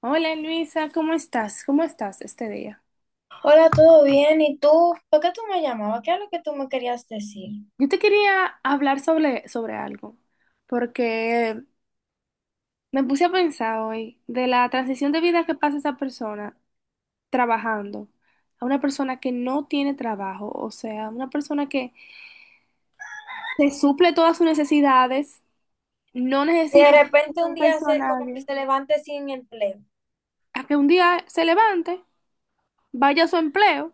Hola Luisa, ¿cómo estás? ¿Cómo estás este día? Hola, ¿todo bien? ¿Y tú? ¿Por qué tú me llamabas? ¿Qué es lo que tú me querías decir? Yo te quería hablar sobre algo, porque me puse a pensar hoy de la transición de vida que pasa esa persona trabajando a una persona que no tiene trabajo, o sea, una persona que se suple todas sus necesidades, no Y de necesita repente un día protegerse a se, como que nadie, se levante sin empleo. a que un día se levante, vaya a su empleo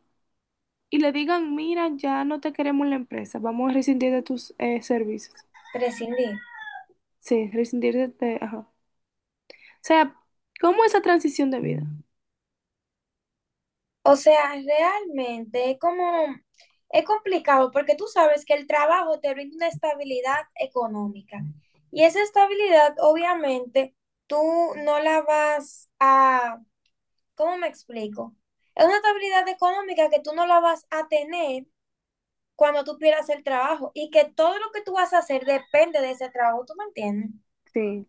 y le digan, mira, ya no te queremos en la empresa, vamos a rescindir de tus servicios. Prescindir. Sí, resentirse ajá. O sea, ¿cómo esa transición de vida? O sea, realmente es como, es complicado porque tú sabes que el trabajo te brinda una estabilidad económica. Y esa estabilidad, obviamente, tú no la vas a, ¿cómo me explico? Es una estabilidad económica que tú no la vas a tener cuando tú pierdas el trabajo y que todo lo que tú vas a hacer depende de ese trabajo, ¿tú me entiendes? Sí.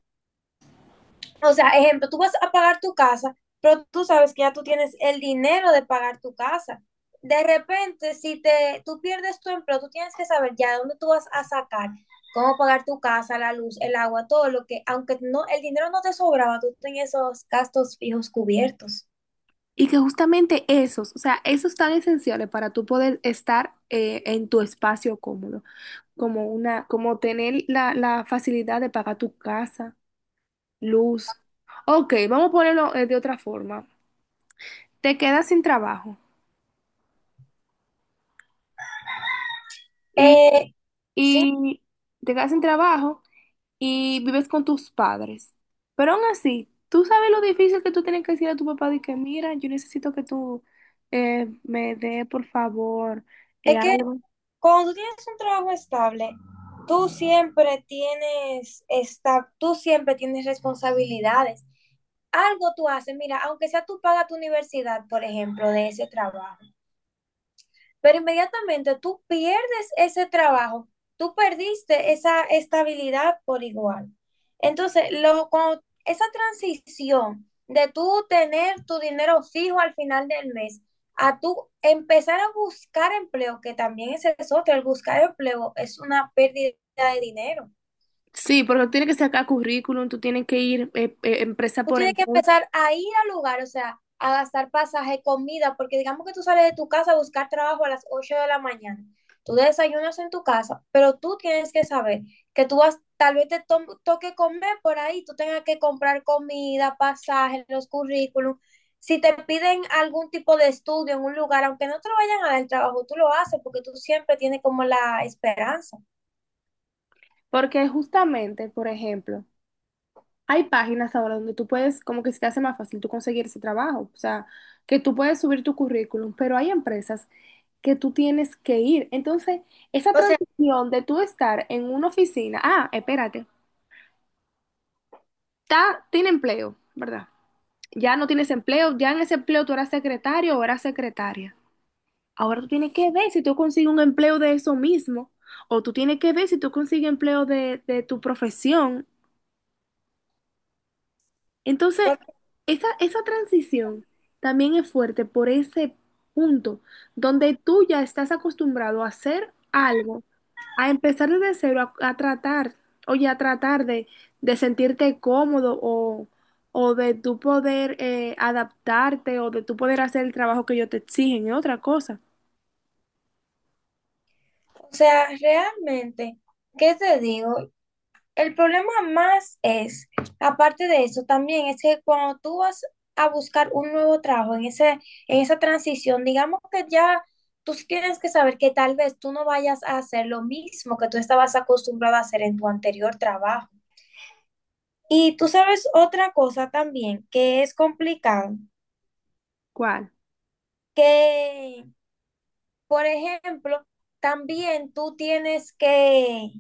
O sea, ejemplo, tú vas a pagar tu casa, pero tú sabes que ya tú tienes el dinero de pagar tu casa. De repente, si te, tú pierdes tu empleo, tú tienes que saber ya de dónde tú vas a sacar, cómo pagar tu casa, la luz, el agua, todo lo que, aunque no, el dinero no te sobraba, tú tenías esos gastos fijos cubiertos. Y que justamente esos, o sea, esos tan esenciales para tú poder estar en tu espacio cómodo, como una, como tener la facilidad de pagar tu casa, luz. Ok, vamos a ponerlo de otra forma. Te quedas sin trabajo y, Eh, sí. y te quedas sin trabajo y vives con tus padres. Pero aún así, tú sabes lo difícil que tú tienes que decir a tu papá de que, mira, yo necesito que tú me dé, por favor, Es que algo. cuando tú tienes un trabajo estable, tú siempre tienes esta, tú siempre tienes responsabilidades. Algo tú haces, mira, aunque sea tú pagas tu universidad, por ejemplo, de ese trabajo, pero inmediatamente tú pierdes ese trabajo, tú perdiste esa estabilidad por igual. Entonces, lo, cuando esa transición de tú tener tu dinero fijo al final del mes, a tú empezar a buscar empleo, que también ese es otro, el buscar empleo es una pérdida de dinero. Sí, porque tú tienes que sacar currículum, tú tienes que ir empresa Tú por tienes que empresa. empezar a ir al lugar, o sea, a gastar pasaje, comida, porque digamos que tú sales de tu casa a buscar trabajo a las 8 de la mañana. Tú desayunas en tu casa, pero tú tienes que saber que tú vas, tal vez te to- toque comer por ahí, tú tengas que comprar comida, pasaje, los currículums. Si te piden algún tipo de estudio en un lugar, aunque no te lo vayan a dar el trabajo, tú lo haces porque tú siempre tienes como la esperanza. Porque justamente, por ejemplo, hay páginas ahora donde tú puedes, como que se te hace más fácil tú conseguir ese trabajo, o sea, que tú puedes subir tu currículum, pero hay empresas que tú tienes que ir. Entonces, esa O sea, transición de tú estar en una oficina, ah, espérate, está, tiene empleo, ¿verdad? Ya no tienes empleo, ya en ese empleo tú eras secretario o eras secretaria. Ahora tú tienes que ver si tú consigues un empleo de eso mismo, o tú tienes que ver si tú consigues empleo de tu profesión. Entonces, por- esa transición también es fuerte por ese punto donde tú ya estás acostumbrado a hacer algo, a empezar desde cero, a tratar, oye, a tratar de sentirte cómodo o de tú poder adaptarte o de tú poder hacer el trabajo que ellos te exigen, es otra cosa. o sea, realmente, ¿qué te digo? El problema más es, aparte de eso, también es que cuando tú vas a buscar un nuevo trabajo en ese, en esa transición, digamos que ya tú sí tienes que saber que tal vez tú no vayas a hacer lo mismo que tú estabas acostumbrado a hacer en tu anterior trabajo. Y tú sabes otra cosa también que es complicado, ¿Cuál? que, por ejemplo, también tú tienes que...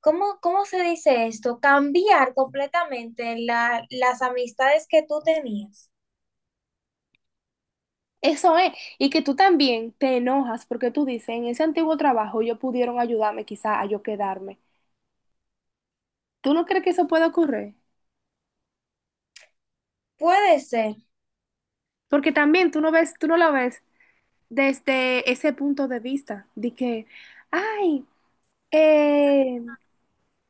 ¿Cómo, cómo se dice esto? Cambiar completamente la- las amistades que tú tenías. Eso es, y que tú también te enojas porque tú dices, en ese antiguo trabajo ellos pudieron ayudarme quizá a yo quedarme. ¿Tú no crees que eso pueda ocurrir? Puede ser. Porque también tú no ves, tú no la ves desde ese punto de vista, de que, ay, eh,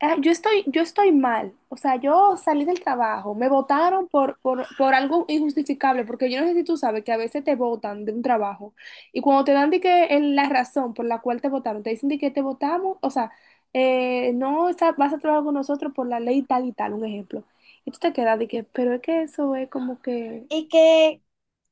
yo estoy mal. O sea, yo salí del trabajo, me votaron por algo injustificable, porque yo no sé si tú sabes que a veces te votan de un trabajo y cuando te dan de que en la razón por la cual te votaron, te dicen de que te votamos, o sea, no sa- vas a trabajar con nosotros por la ley tal y tal, un ejemplo. Y tú te quedas de que, pero es que eso es como que Y que,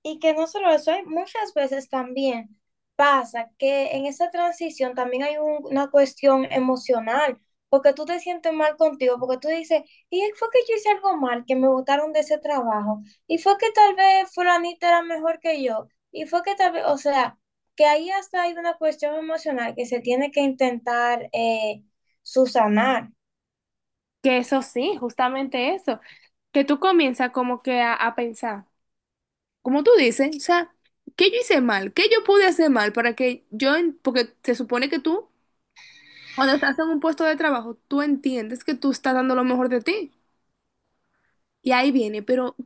y que no solo eso, hay muchas veces también pasa que en esa transición también hay un- una cuestión emocional, porque tú te sientes mal contigo, porque tú dices, y fue que yo hice algo mal, que me botaron de ese trabajo, y fue que tal vez fulanita era mejor que yo, y fue que tal vez, o sea, que ahí hasta hay una cuestión emocional que se tiene que intentar subsanar. Que eso sí, justamente eso, que tú comienzas como que a pensar, como tú dices, o sea, ¿qué yo hice mal? ¿Qué yo pude hacer mal para que yo, porque se supone que tú, cuando estás en un puesto de trabajo, tú entiendes que tú estás dando lo mejor de ti. Y ahí viene, pero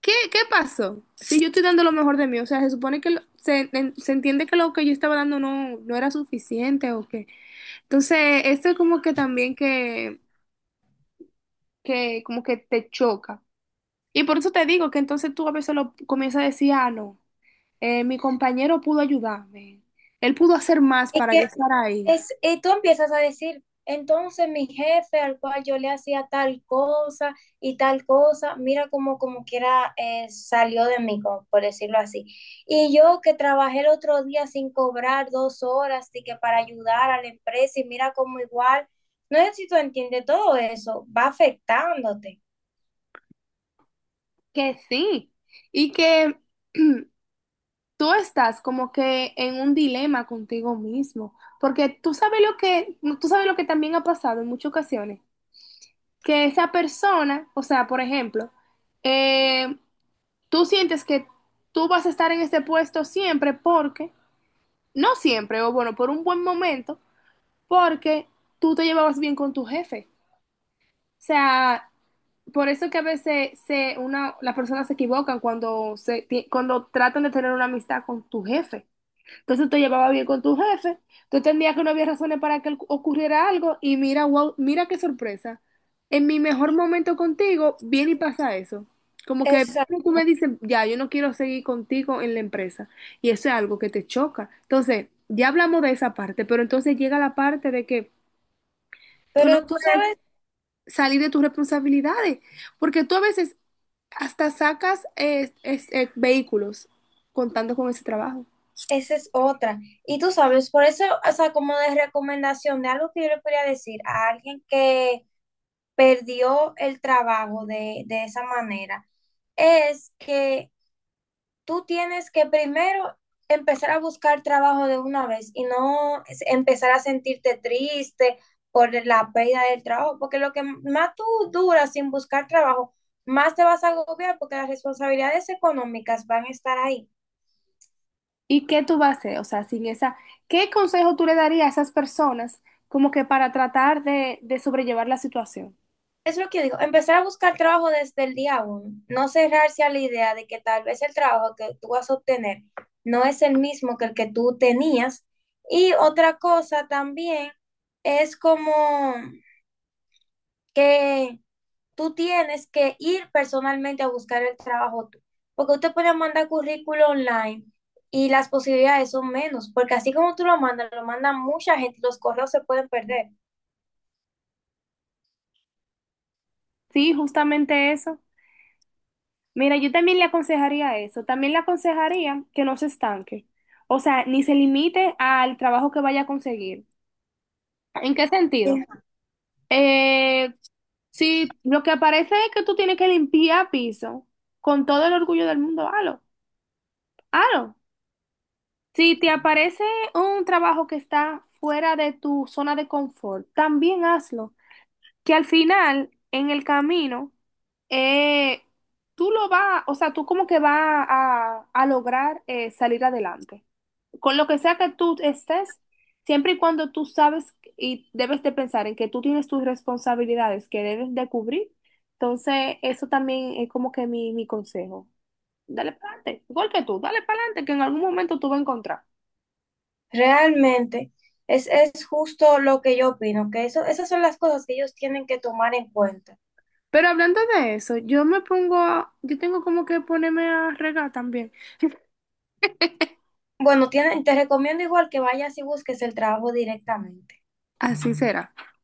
¿qué pasó? Si yo estoy dando lo mejor de mí, o sea, se supone que se entiende que lo que yo estaba dando no era suficiente o qué. Entonces, esto es como que también que como que te choca. Y por eso te digo que entonces tú a veces lo comienzas a decir, ah, no, mi compañero pudo ayudarme, él pudo hacer más para yo estar ahí. Es, y tú empiezas a decir, entonces mi jefe al cual yo le hacía tal cosa y tal cosa, mira como como quiera salió de mí, como por decirlo así. Y yo que trabajé el otro día sin cobrar dos horas y que para ayudar a la empresa y mira como igual, no sé si tú entiendes todo eso, va afectándote. Que sí, y que tú estás como que en un dilema contigo mismo, porque tú sabes lo que, tú sabes lo que también ha pasado en muchas ocasiones, que esa persona, o sea, por ejemplo, eh, tú sientes que tú vas a estar en ese puesto siempre porque, no siempre, o bueno, por un buen momento porque tú te llevabas bien con tu jefe. O sea, por eso que a veces las personas se equivocan cuando, cuando tratan de tener una amistad con tu jefe. Entonces te llevaba bien con tu jefe, tú entendías que no había razones para que ocurriera algo y mira, wow, mira qué sorpresa. En mi mejor momento contigo, viene y pasa eso. Como que Exacto, tú me dices, ya, yo no quiero seguir contigo en la empresa. Y eso es algo que te choca. Entonces, ya hablamos de esa parte, pero entonces llega la parte de que tú no pero tú puedes sabes, salir de tus responsabilidades, porque tú a veces hasta sacas vehículos contando con ese trabajo. esa es otra. Y tú sabes, por eso, o sea, como de recomendación de algo que yo le podría decir a alguien que perdió el trabajo de esa manera es que tú tienes que primero empezar a buscar trabajo de una vez y no es- empezar a sentirte triste por la pérdida del trabajo, porque lo que más tú duras sin buscar trabajo, más te vas a agobiar porque las responsabilidades económicas van a estar ahí. ¿Y qué tú vas a hacer? O sea, sin esa, ¿qué consejo tú le darías a esas personas como que para tratar de sobrellevar la situación? Es lo que yo digo, empezar a buscar trabajo desde el día uno, no cerrarse a la idea de que tal vez el trabajo que tú vas a obtener no es el mismo que el que tú tenías. Y otra cosa también es como que tú tienes que ir personalmente a buscar el trabajo tú, porque usted puede mandar currículo online y las posibilidades son menos, porque así como tú lo mandas, lo mandan mucha gente, los correos se pueden perder. Sí, justamente eso. Mira, yo también le aconsejaría eso. También le aconsejaría que no se estanque. O sea, ni se limite al trabajo que vaya a conseguir. ¿En qué sentido? Eh, sí, lo que aparece es que tú tienes que limpiar piso con todo el orgullo del mundo, halo, halo. Si te aparece un trabajo que está fuera de tu zona de confort, también hazlo. Que al final, en el camino, eh, tú lo vas, o sea, tú como que vas a lograr salir adelante con lo que sea que tú estés, siempre y cuando tú sabes y debes de pensar en que tú tienes tus responsabilidades que debes de cubrir, entonces eso también es como que mi consejo. Dale para adelante, igual que tú, dale para adelante, que en algún momento tú vas a encontrar. Realmente es justo lo que yo opino, que eso, esas son las cosas que ellos tienen que tomar en cuenta. Pero hablando de eso, yo tengo como que ponerme a regar también. Bueno, tienen, te recomiendo igual que vayas y busques el trabajo directamente. Así será.